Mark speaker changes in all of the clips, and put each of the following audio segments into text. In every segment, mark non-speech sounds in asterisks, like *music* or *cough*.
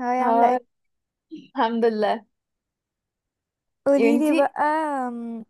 Speaker 1: هاي، عاملة
Speaker 2: اه.
Speaker 1: ايه؟
Speaker 2: الحمد لله. يا
Speaker 1: قوليلي
Speaker 2: بنتي
Speaker 1: بقى،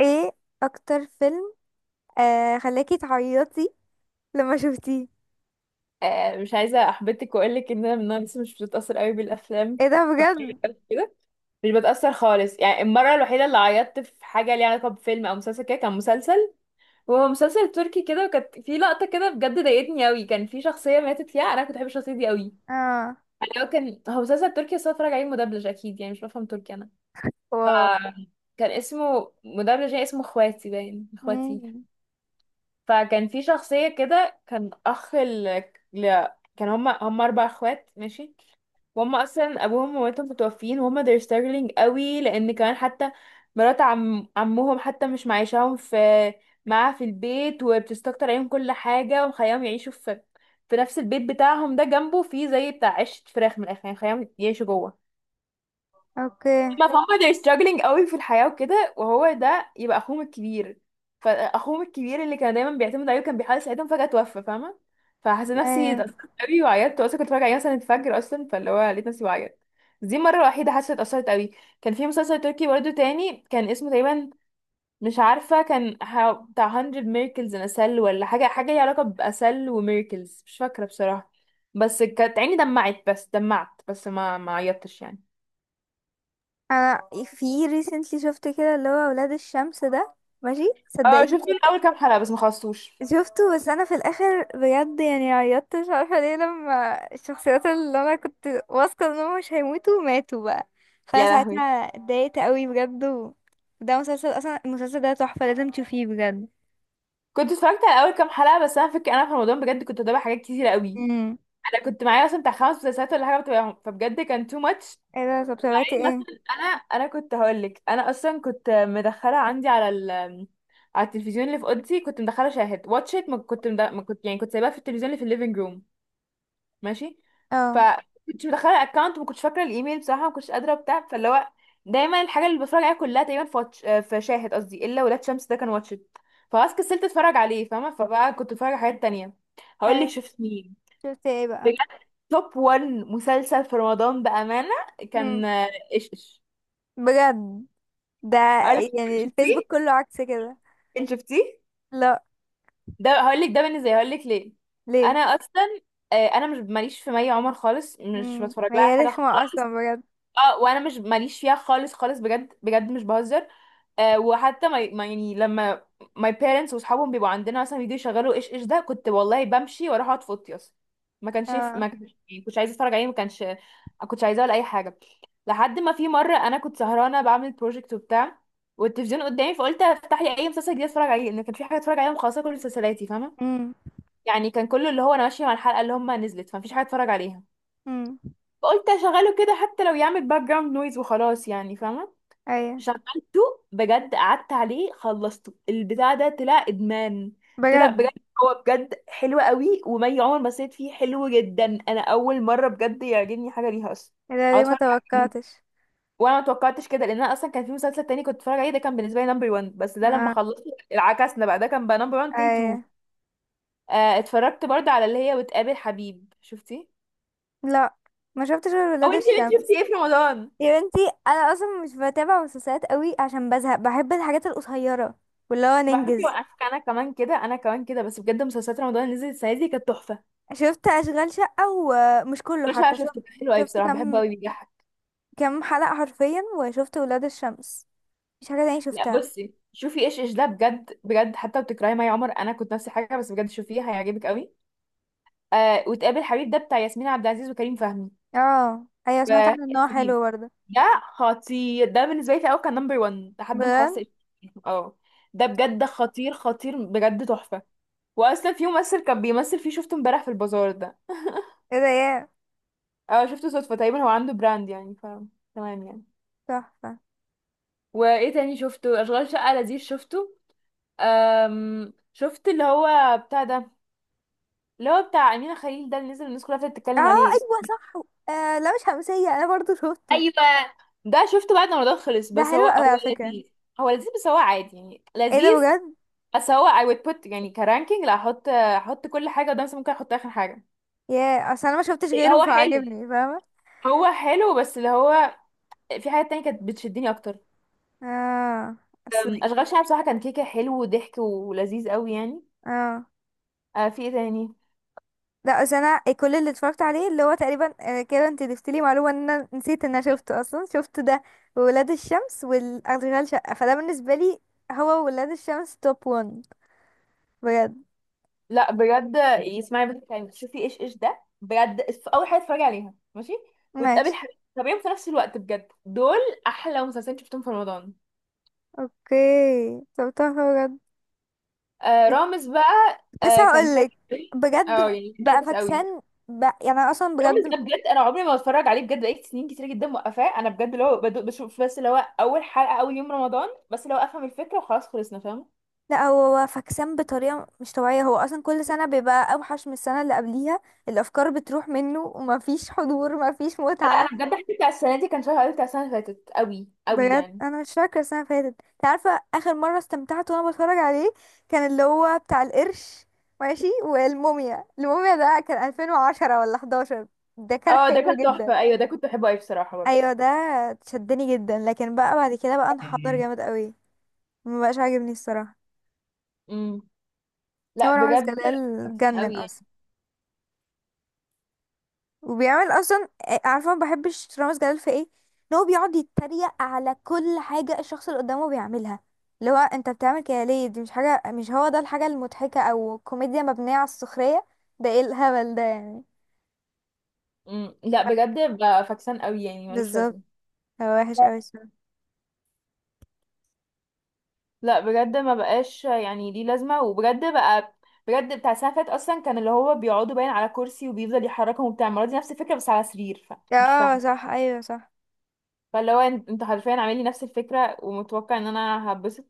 Speaker 1: ايه اكتر فيلم خلاكي تعيطي لما شفتيه؟
Speaker 2: مش عايزه احبطك واقول لك ان انا من النوع لسه مش بتتاثر قوي بالافلام
Speaker 1: ايه ده
Speaker 2: بحكم
Speaker 1: بجد؟
Speaker 2: الألف *laughs* كده، مش بتاثر خالص. يعني المره الوحيده اللي عيطت في حاجه ليها علاقه بفيلم او مسلسل كده، كان مسلسل، وهو مسلسل تركي كده، وكانت في لقطه كده بجد ضايقتني قوي، كان في شخصيه ماتت فيها، انا كنت بحب الشخصيه دي قوي.
Speaker 1: اه،
Speaker 2: يعني هو كان مسلسل تركي بس أنا بتفرج عليه مدبلج اكيد، يعني مش بفهم تركي انا. ف
Speaker 1: واو.
Speaker 2: كان اسمه مدبلج يعني اسمه اخواتي، باين اخواتي.
Speaker 1: مم.
Speaker 2: فكان في شخصية كده، كان ل... كان هما أربع أخوات ماشي، وهم أصلا أبوهم ومامتهم متوفيين وهم they're struggling قوي، لأن كمان حتى مرات عمهم حتى مش معيشاهم في معاها في البيت، وبتستكتر عليهم كل حاجة ومخليهم يعيشوا في في نفس البيت بتاعهم ده، جنبه فيه زي بتاع عيشة فراخ من الآخر، يعني مخليهم يعيشوا جوه
Speaker 1: اوكي،
Speaker 2: ما فهم. they're struggling قوي في الحياة وكده، وهو ده يبقى اخوهم الكبير. فاخوهم الكبير اللي كان دايما بيعتمد عليه وكان بيحاول يساعدهم فجأة توفى، فاهمة؟ فحسيت نفسي
Speaker 1: ايوه.
Speaker 2: اتأثرت قوي وعيطت، اصلا كنت بتفرج عليه مثلا الفجر اصلا، فاللي هو لقيت نفسي بعيط. دي المرة الوحيدة حاسة اتأثرت قوي. كان في مسلسل تركي برضه تاني كان اسمه تقريبا، مش عارفة كان بتاع 100 ميركلز ان اسل ولا حاجة، حاجة ليها علاقة بأسل وميركلز مش فاكرة بصراحة، بس كانت عيني دمعت بس، دمعت بس ما عيطتش يعني.
Speaker 1: انا في recently شفت كده اللي هو ولاد الشمس ده، ماشي
Speaker 2: اه
Speaker 1: صدقيني.
Speaker 2: شفت الاول كام حلقه بس ما خلصتوش.
Speaker 1: شفته بس انا في الاخر بجد يعني عيطت، مش عارفه ليه لما الشخصيات اللي انا كنت واثقه انهم مش هيموتوا ماتوا بقى. فانا
Speaker 2: يا
Speaker 1: ساعتها
Speaker 2: لهوي.
Speaker 1: اتضايقت قوي بجد و. ده مسلسل اصلا، المسلسل ده تحفه، لازم تشوفيه بجد.
Speaker 2: كنت اتفرجت على اول كام حلقه بس، انا فك انا في رمضان بجد كنت بتابع حاجات كتيره قوي،
Speaker 1: امم.
Speaker 2: انا كنت معايا مثلا بتاع خمس مسلسلات ولا حاجه بتابعهم، فبجد كان تو ماتش.
Speaker 1: ايه ده؟ طب تابعتي
Speaker 2: يعني
Speaker 1: ايه؟
Speaker 2: مثلا انا كنت هقول لك، انا اصلا كنت مدخله عندي على ال... على التلفزيون اللي في اوضتي، كنت مدخله شاهد واتشت، ما كنت، يعني كنت سايباها في التلفزيون اللي في الليفنج روم ماشي. ف
Speaker 1: اه.
Speaker 2: كنت مدخله الاكونت وما كنتش فاكره الايميل بصراحه، ما كنتش قادره وبتاع، فاللي هو دايما الحاجه اللي بتفرج عليها كلها تقريبا في واتش... آه، في شاهد قصدي، الا ولاد شمس ده كان واتشت، فخلاص كسلت اتفرج عليه فاهمه، فبقى كنت بتفرج على حاجات تانية. هقول لك
Speaker 1: ايه
Speaker 2: شفت مين؟
Speaker 1: شفتي ايه بقى؟
Speaker 2: بجد توب 1 مسلسل في رمضان بامانه،
Speaker 1: امم.
Speaker 2: كان ايش ايش.
Speaker 1: بجد. ده
Speaker 2: هقول لك
Speaker 1: يعني
Speaker 2: شفتيه؟
Speaker 1: الفيسبوك كله عكس كده.
Speaker 2: انت شفتيه؟
Speaker 1: لا.
Speaker 2: ده هقول لك، ده بالنسبه لي هقول لك ليه.
Speaker 1: ليه؟
Speaker 2: انا اصلا انا مش ماليش في مي عمر خالص، مش
Speaker 1: امم،
Speaker 2: بتفرج لها على
Speaker 1: هي
Speaker 2: حاجه.
Speaker 1: رخمه اصلا بجد.
Speaker 2: اه وانا مش ماليش فيها خالص خالص، بجد بجد مش بهزر. وحتى يعني لما my parents واصحابهم بيبقوا عندنا مثلا بيجوا يشغلوا ايش ايش ده، كنت والله بمشي واروح اقعد في اوضتي اصلا.
Speaker 1: اه.
Speaker 2: ما كانش، يعني كنتش عايزه اتفرج عليه، ما كانش، ما كنتش عايزاه ولا اي حاجه. لحد ما في مره انا كنت سهرانه بعمل بروجكت وبتاع، والتلفزيون قدامي، فقلت افتح لي اي مسلسل جديد اتفرج عليه لان كان في حاجه اتفرج عليها مخلصه كل مسلسلاتي فاهمه،
Speaker 1: امم.
Speaker 2: يعني كان كله اللي هو انا ماشيه مع الحلقه اللي هم نزلت، فمفيش حاجه اتفرج عليها،
Speaker 1: امم.
Speaker 2: فقلت اشغله كده حتى لو يعمل باك جراوند نويز وخلاص يعني فاهمه.
Speaker 1: ايوه.
Speaker 2: شغلته، بجد قعدت عليه خلصته، البتاع ده طلع ادمان. طلع
Speaker 1: بجد.
Speaker 2: بجد، هو بجد حلو قوي، ومي عمر ما سيت فيه حلو جدا، انا اول مره بجد يعجبني حاجه ليها اصلا
Speaker 1: ايه ده
Speaker 2: او
Speaker 1: ليه ما
Speaker 2: اتفرج عليه.
Speaker 1: توقعتش؟
Speaker 2: وانا ما توقعتش كده لان انا اصلا كان في مسلسل تاني كنت بتفرج عليه ده، كان بالنسبه لي نمبر 1، بس ده لما
Speaker 1: اه.
Speaker 2: خلصت العكسنا بقى، ده كان بقى نمبر 1 تي 2.
Speaker 1: ايوه.
Speaker 2: آه اتفرجت برضه على اللي هي وتقابل حبيب، شفتي؟
Speaker 1: لا، ما شفتش غير
Speaker 2: او
Speaker 1: ولاد
Speaker 2: انتي
Speaker 1: الشمس.
Speaker 2: شفتي ايه في رمضان؟
Speaker 1: يا بنتي، انا اصلا مش بتابع مسلسلات قوي عشان بزهق، بحب الحاجات القصيره واللي هو
Speaker 2: طب على فكرة
Speaker 1: ننجز.
Speaker 2: وقفك، انا كمان كده انا كمان كده، بس بجد مسلسلات رمضان اللي نزلت السنة دي كانت تحفة.
Speaker 1: شفت اشغال شقه ومش كله،
Speaker 2: مش، لا
Speaker 1: حتى شفت
Speaker 2: شفته، كان حلو قوي
Speaker 1: شفت
Speaker 2: بصراحة، بحبه
Speaker 1: كم،
Speaker 2: قوي بيضحك.
Speaker 1: كم حلقه حرفيا وشفت ولاد الشمس، مش حاجه تانية
Speaker 2: لا
Speaker 1: شفتها.
Speaker 2: بصي، شوفي ايش ايش ده بجد بجد، حتى بتكرهي مي عمر، انا كنت نفس الحاجة، بس بجد شوفيه هيعجبك قوي. آه وتقابل حبيب ده بتاع ياسمين عبد العزيز وكريم فهمي.
Speaker 1: اه ايوه، سمعت
Speaker 2: ف-
Speaker 1: عنه ان هو
Speaker 2: سليم
Speaker 1: حلو برضه.
Speaker 2: ده خطير، ده بالنسبة لي في الأول كان نمبر 1 لحد ما خلاص
Speaker 1: بجد.
Speaker 2: إيش إيش. اه ده بجد خطير خطير، بجد تحفة. واصلا في ممثل كان بيمثل فيه شفته امبارح في البازار ده.
Speaker 1: ايه ده يا؟
Speaker 2: اه شفته صدفة تقريبا، هو عنده براند يعني. تمام يعني.
Speaker 1: تحفه.
Speaker 2: وايه تاني شفته؟ اشغال شقة لذيذ شفته. شفت اللي هو بتاع ده، اللي هو بتاع أمينة خليل ده اللي نزل الناس كلها ابتدت
Speaker 1: اه
Speaker 2: تتكلم عليه
Speaker 1: ايوه صح. آه، لا، مش همسيه انا برضه شفته.
Speaker 2: ايوه، ده شفته بعد ما رمضان خلص،
Speaker 1: ده
Speaker 2: بس هو
Speaker 1: حلو قوي
Speaker 2: هو
Speaker 1: على فكره.
Speaker 2: لذيذ. هو لذيذ بس هو عادي، يعني
Speaker 1: ايه ده
Speaker 2: لذيذ
Speaker 1: بجد.
Speaker 2: بس هو I would put، يعني كرانكينج، لا، احط كل حاجة قدام نفسي، ممكن احط اخر حاجة.
Speaker 1: يا اصل انا ما شفتش غيره
Speaker 2: هو حلو،
Speaker 1: فعجبني فاهمه.
Speaker 2: هو حلو، بس اللي هو في حاجات تانية كانت بتشدني اكتر.
Speaker 1: اه. اصل.
Speaker 2: اشغال شقة بصراحة كان كيكة، حلو وضحك ولذيذ قوي يعني.
Speaker 1: اه،
Speaker 2: آه في ايه تاني؟
Speaker 1: لا، اصل انا كل اللي اتفرجت عليه اللي هو تقريبا كده، انت ضفتي لي معلومه ان انا نسيت ان انا شفته اصلا. شفت ده، وولاد الشمس والاشغال شقه فده بالنسبه لي. هو ولاد الشمس توب 1 بجد.
Speaker 2: لا بجد اسمعي بنت كلمة، شوفي ايش ايش ده بجد، اول حاجه اتفرجي عليها ماشي، وتقابل
Speaker 1: ماشي.
Speaker 2: حبيب طبيعي في نفس الوقت، بجد دول احلى مسلسلين شفتهم في رمضان.
Speaker 1: اوكي، طب طب بجد.
Speaker 2: آه رامز بقى،
Speaker 1: لسه
Speaker 2: كان
Speaker 1: هقولك.
Speaker 2: فاكس قوي،
Speaker 1: بجد
Speaker 2: اه يعني كان
Speaker 1: بقى
Speaker 2: فاكس قوي.
Speaker 1: فاكسان، بقى يعني انا اصلا
Speaker 2: رامز
Speaker 1: بجد.
Speaker 2: ده بجد انا عمري ما بتفرج عليه، بجد بقيت سنين كتير جدا موقفاه، انا بجد اللي هو بشوف بس اللي هو اول حلقه اول يوم رمضان بس، اللي هو افهم الفكره وخلاص خلصنا فاهم.
Speaker 1: لا، هو فكسان بطريقة مش طبيعية، هو أصلا كل سنة بيبقى أوحش من السنة اللي قبليها، الأفكار بتروح منه ومفيش *laughs* حضور، مفيش
Speaker 2: لا انا
Speaker 1: متعة.
Speaker 2: بجد حبيت بتاع السنه دي، كان شهر قوي بتاع السنه اللي فاتت قوي قوي
Speaker 1: بجد
Speaker 2: يعني.
Speaker 1: أنا مش فاكرة السنة اللي فاتت، انت عارفة آخر مرة استمتعت وأنا بتفرج عليه كان اللي هو بتاع القرش، ماشي، والموميا. الموميا ده كان 2010 ولا 11. ده كان
Speaker 2: اه ده
Speaker 1: حلو
Speaker 2: كان
Speaker 1: جدا.
Speaker 2: تحفه، ايوه ده كنت بحبه قوي بصراحه برضه.
Speaker 1: أيوة ده شدني جدا، لكن بقى بعد كده بقى انحدر جامد قوي، مبقاش عاجبني الصراحة.
Speaker 2: امم.
Speaker 1: هو
Speaker 2: لا
Speaker 1: رامز
Speaker 2: بجد
Speaker 1: جلال
Speaker 2: فاكسان
Speaker 1: جنن
Speaker 2: قوي يعني.
Speaker 1: أصلا. وبيعمل اصلا عارفه ما بحبش رامز جلال في ايه؟ ان هو بيقعد يتريق على كل حاجه الشخص اللي قدامه بيعملها. اللي هو انت بتعمل كده ليه؟ دي مش حاجه، مش هو ده الحاجه المضحكه، او كوميديا مبنيه على السخريه. ده ايه الهبل ده يعني؟
Speaker 2: امم. لا بجد بقى فاكسان قوي يعني، ملوش
Speaker 1: بالظبط،
Speaker 2: لازمه.
Speaker 1: هو وحش قوي الصراحه.
Speaker 2: لا بجد ما بقاش يعني ليه لازمه، وبجد بقى بجد بتاع السنه اللي فاتت اصلا كان اللي هو بيقعدوا باين على كرسي وبيفضل يحركهم وبتاع، المره دي نفس الفكره بس على سرير، فمش
Speaker 1: اه
Speaker 2: فاهمه.
Speaker 1: صح، ايوه صح.
Speaker 2: فاللي هو انتوا حرفيا عاملين لي نفس الفكره ومتوقع ان انا هبسط،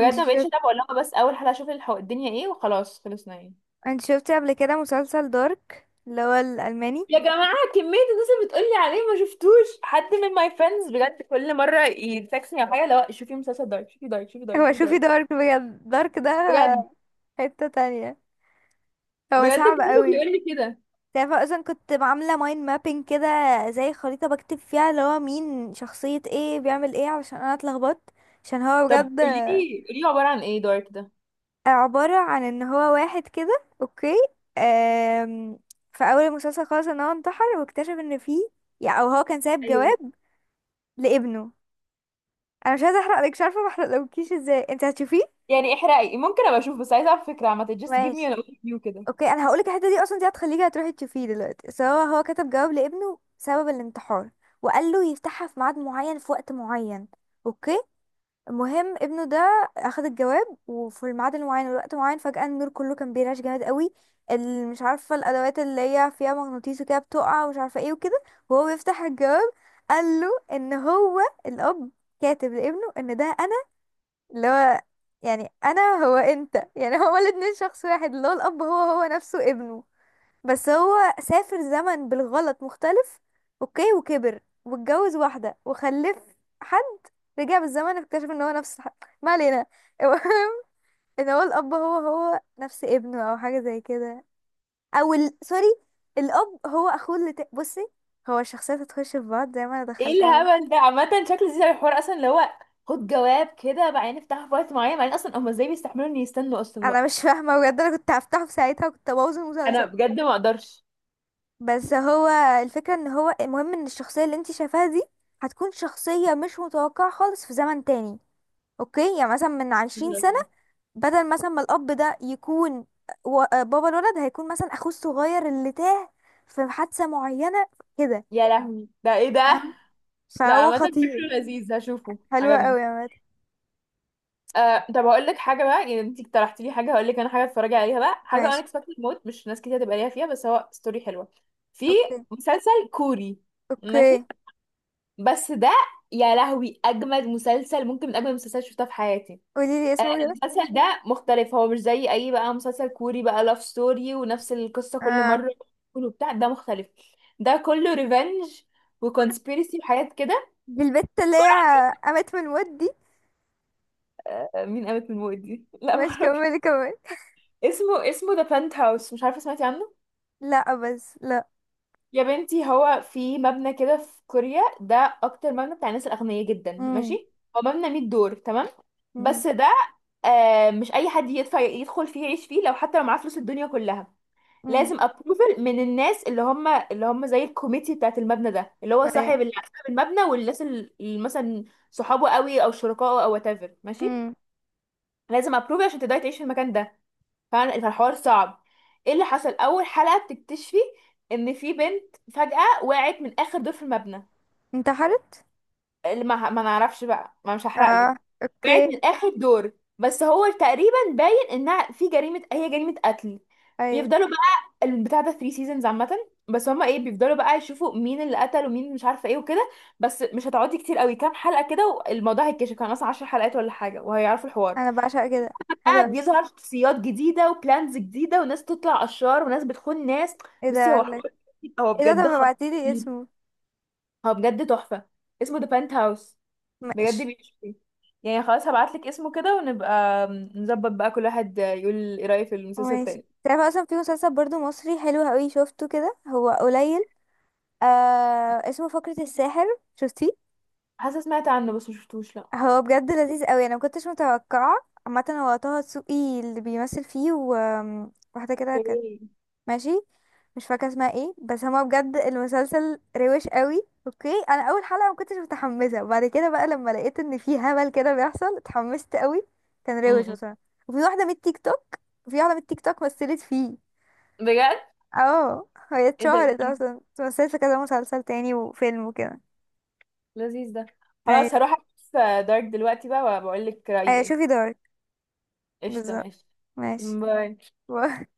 Speaker 1: انت
Speaker 2: ما بقتش
Speaker 1: شفت،
Speaker 2: اتابع، اقول لها بس اول حلقه اشوف الدنيا ايه وخلاص خلصنا يعني.
Speaker 1: انت شفتي قبل كده مسلسل دارك اللي هو الالماني؟
Speaker 2: يا جماعة كمية الناس اللي بتقولي عليه، ما شفتوش حد من ماي فريندز بجد كل مرة يتكسني على حاجة، لا شوفي مسلسل دارك، شوفي دارك، شوفي دارك،
Speaker 1: هو
Speaker 2: شوفي
Speaker 1: شوفي
Speaker 2: دارك.
Speaker 1: دارك بجد، دارك ده
Speaker 2: بجد،
Speaker 1: حته تانية، هو
Speaker 2: بجد
Speaker 1: صعب
Speaker 2: كله
Speaker 1: قوي.
Speaker 2: بيقول لي كده.
Speaker 1: تعرفي اصلا كنت عامله مايند مابينج كده، زي خريطه بكتب فيها اللي هو مين شخصيه ايه بيعمل ايه علشان انا اتلخبطت، عشان هو
Speaker 2: طب
Speaker 1: بجد.
Speaker 2: قولي لي عبارة عن ايه دارك ده؟
Speaker 1: عباره عن ان هو واحد كده، اوكي. آم، في اول المسلسل خالص ان هو انتحر واكتشف ان فيه، يعني او هو كان سايب
Speaker 2: ايوه،
Speaker 1: جواب لابنه. انا مش عايزه احرق لك، مش عارفه ما احرقلكيش ازاي انت هتشوفيه.
Speaker 2: يعني احرقي، ممكن ابقى اشوف، بس عايزة اعرف فكرة عامة just give
Speaker 1: ماشي.
Speaker 2: me an overview كده.
Speaker 1: اوكي انا هقولك الحته دي اصلا دي هتخليكي هتروحي تشوفيه دلوقتي. سواء هو كتب جواب لابنه سبب الانتحار، وقال له يفتحها في ميعاد معين في وقت معين، اوكي. المهم ابنه ده اخد الجواب وفي الميعاد المعين والوقت المعين فجاه النور كله كان بيرعش جامد قوي. مش عارفه الادوات اللي هي فيها مغناطيس وكده بتقع ومش عارفه ايه وكده، وهو بيفتح الجواب. قال له ان هو الاب كاتب لابنه ان ده انا، اللي هو يعني انا هو انت، يعني هو الاتنين شخص واحد، اللي هو الاب هو هو نفسه ابنه. بس هو سافر زمن بالغلط مختلف، اوكي، وكبر واتجوز واحدة وخلف حد، رجع بالزمن اكتشف ان هو نفس حد. ما علينا *laughs* المهم ان هو الاب هو هو نفس ابنه او حاجة زي كده. سوري، الاب هو اخوه بصي، هو الشخصيات هتخش في بعض زي ما انا
Speaker 2: ايه
Speaker 1: دخلتها.
Speaker 2: الهبل ده؟ عامة شكل زي الحوار اصلا، اللي هو خد جواب كده بعدين افتحه في وقت معين، بعدين اصلا هما ازاي بيستحملوا ان يستنوا اصلا
Speaker 1: انا
Speaker 2: وقت؟
Speaker 1: مش فاهمة بجد، انا كنت هفتحه في ساعتها وكنت ابوظ
Speaker 2: انا
Speaker 1: المسلسل.
Speaker 2: بجد ما اقدرش.
Speaker 1: بس هو الفكرة ان هو، المهم ان الشخصية اللي انت شايفاها دي هتكون شخصية مش متوقعة خالص في زمن تاني، اوكي. يعني مثلا من 20 سنة،
Speaker 2: *laughs*
Speaker 1: بدل مثلا ما الأب ده يكون بابا الولد هيكون مثلا أخوه الصغير اللي تاه في حادثة معينة، كده،
Speaker 2: يا لهوي، ده ايه ده؟
Speaker 1: فاهمة؟
Speaker 2: لا
Speaker 1: فهو
Speaker 2: عامة
Speaker 1: خطير.
Speaker 2: فكره لذيذ هشوفه،
Speaker 1: حلوة
Speaker 2: عجبني.
Speaker 1: قوي يا مات.
Speaker 2: طب هقول لك حاجة بقى، يعني انت اقترحتي لي حاجة، هقول لك انا حاجة اتفرجي عليها بقى، حاجة
Speaker 1: ماشي.
Speaker 2: unexpected موت، مش ناس كتير هتبقى ليها فيها، بس هو ستوري حلوة. في
Speaker 1: اوكي.
Speaker 2: مسلسل كوري،
Speaker 1: اوكي
Speaker 2: ماشي، بس ده يا لهوي اجمد مسلسل، ممكن من اجمد المسلسلات اللي شفتها في حياتي.
Speaker 1: قولي لي اسمه كده.
Speaker 2: المسلسل ده مختلف، هو مش زي اي بقى مسلسل كوري بقى لاف ستوري ونفس القصة كل
Speaker 1: اه،
Speaker 2: مرة، كله بتاع ده مختلف، ده كله ريفنج وكونسبيرسي وحاجات كده.
Speaker 1: دي البت اللي هي قامت من الموت دي؟
Speaker 2: مين قامت من الموت دي؟ *laughs* لا
Speaker 1: ماشي،
Speaker 2: معرفش.
Speaker 1: كملي كملي.
Speaker 2: اسمه، اسمه ذا بنت هاوس، مش عارفه سمعتي عنه؟
Speaker 1: لا، بس لا.
Speaker 2: يا بنتي هو في مبنى كده في كوريا ده، اكتر مبنى بتاع الناس الاغنياء جدا
Speaker 1: امم.
Speaker 2: ماشي، هو مبنى 100 دور تمام.
Speaker 1: امم.
Speaker 2: بس ده آه مش اي حد يدفع يدخل فيه يعيش فيه، لو حتى لو معاه فلوس الدنيا كلها،
Speaker 1: امم.
Speaker 2: لازم ابروفل من الناس اللي هم، اللي هم زي الكوميتي بتاعت المبنى ده، اللي هو
Speaker 1: ايه.
Speaker 2: صاحب، اللي صاحب المبنى والناس اللي مثلا صحابه قوي او شركائه او whatever ماشي،
Speaker 1: امم.
Speaker 2: لازم ابروفل عشان تقدري تعيشي في المكان ده فعلا، فالحوار صعب. ايه اللي حصل؟ اول حلقة بتكتشفي ان في بنت فجأة وقعت من اخر دور في المبنى،
Speaker 1: انتحرت.
Speaker 2: اللي ما نعرفش بقى ما، مش
Speaker 1: اه.
Speaker 2: هحرقلك. وقعت
Speaker 1: اوكي.
Speaker 2: من اخر دور، بس هو تقريبا باين انها في جريمة، هي جريمة قتل.
Speaker 1: ايوه.
Speaker 2: بيفضلوا بقى البتاع ده 3 سيزونز عامة، بس هما ايه بيفضلوا بقى يشوفوا مين اللي قتل ومين مش عارفة ايه وكده، بس مش هتقعدي كتير قوي، كام حلقة كده والموضوع هيتكشف، كان اصلا 10 حلقات ولا حاجة وهيعرفوا الحوار،
Speaker 1: انا بعشق كده. حلو
Speaker 2: بقى
Speaker 1: قوي.
Speaker 2: بيظهر شخصيات جديدة وبلانز جديدة وناس تطلع أشرار وناس بتخون ناس.
Speaker 1: ايه ده
Speaker 2: بصي هو
Speaker 1: قالك؟
Speaker 2: حوار، هو
Speaker 1: ايه ده، طب
Speaker 2: بجد
Speaker 1: ابعتيلي
Speaker 2: خطير،
Speaker 1: اسمه.
Speaker 2: هو بجد تحفة. اسمه ذا بنت هاوس، بجد
Speaker 1: ماشي.
Speaker 2: بيشوفي، يعني خلاص هبعتلك اسمه كده، ونبقى نظبط بقى كل واحد يقول ايه رأيه في المسلسل
Speaker 1: ماشي،
Speaker 2: التاني.
Speaker 1: تعرف اصلا في مسلسل برضو مصري حلو قوي شفته كده هو قليل، اسمه فقرة الساحر. شفتيه؟
Speaker 2: حاسة سمعت عنه بس مشفتوش لأ.
Speaker 1: هو بجد لذيذ قوي انا مكنتش متوقعة. عامة هو طه دسوقي اللي بيمثل فيه وواحدة كده كانت،
Speaker 2: اوكي.
Speaker 1: ماشي، مش فاكره اسمها ايه، بس هما بجد المسلسل روش قوي. اوكي انا اول حلقه ما كنتش متحمسه وبعد كده بقى لما لقيت ان في هبل كده بيحصل اتحمست قوي، كان روش
Speaker 2: م-م.
Speaker 1: بصراحه. وفي واحده من التيك توك، في واحده من التيك توك مثلت فيه.
Speaker 2: بجد
Speaker 1: اه هي
Speaker 2: ايه ده
Speaker 1: اتشهرت
Speaker 2: لذيذ،
Speaker 1: اصلا، مثلت في كذا مسلسل تاني وفيلم وكده.
Speaker 2: لذيذ ده. خلاص
Speaker 1: ايوه.
Speaker 2: هروح اشوف دارك دلوقتي بقى وبقول لك رأيي
Speaker 1: ايوه
Speaker 2: ايه.
Speaker 1: شوفي دارك.
Speaker 2: قشطة
Speaker 1: بالظبط.
Speaker 2: ماشي.
Speaker 1: ماشي.
Speaker 2: باي.
Speaker 1: *laughs*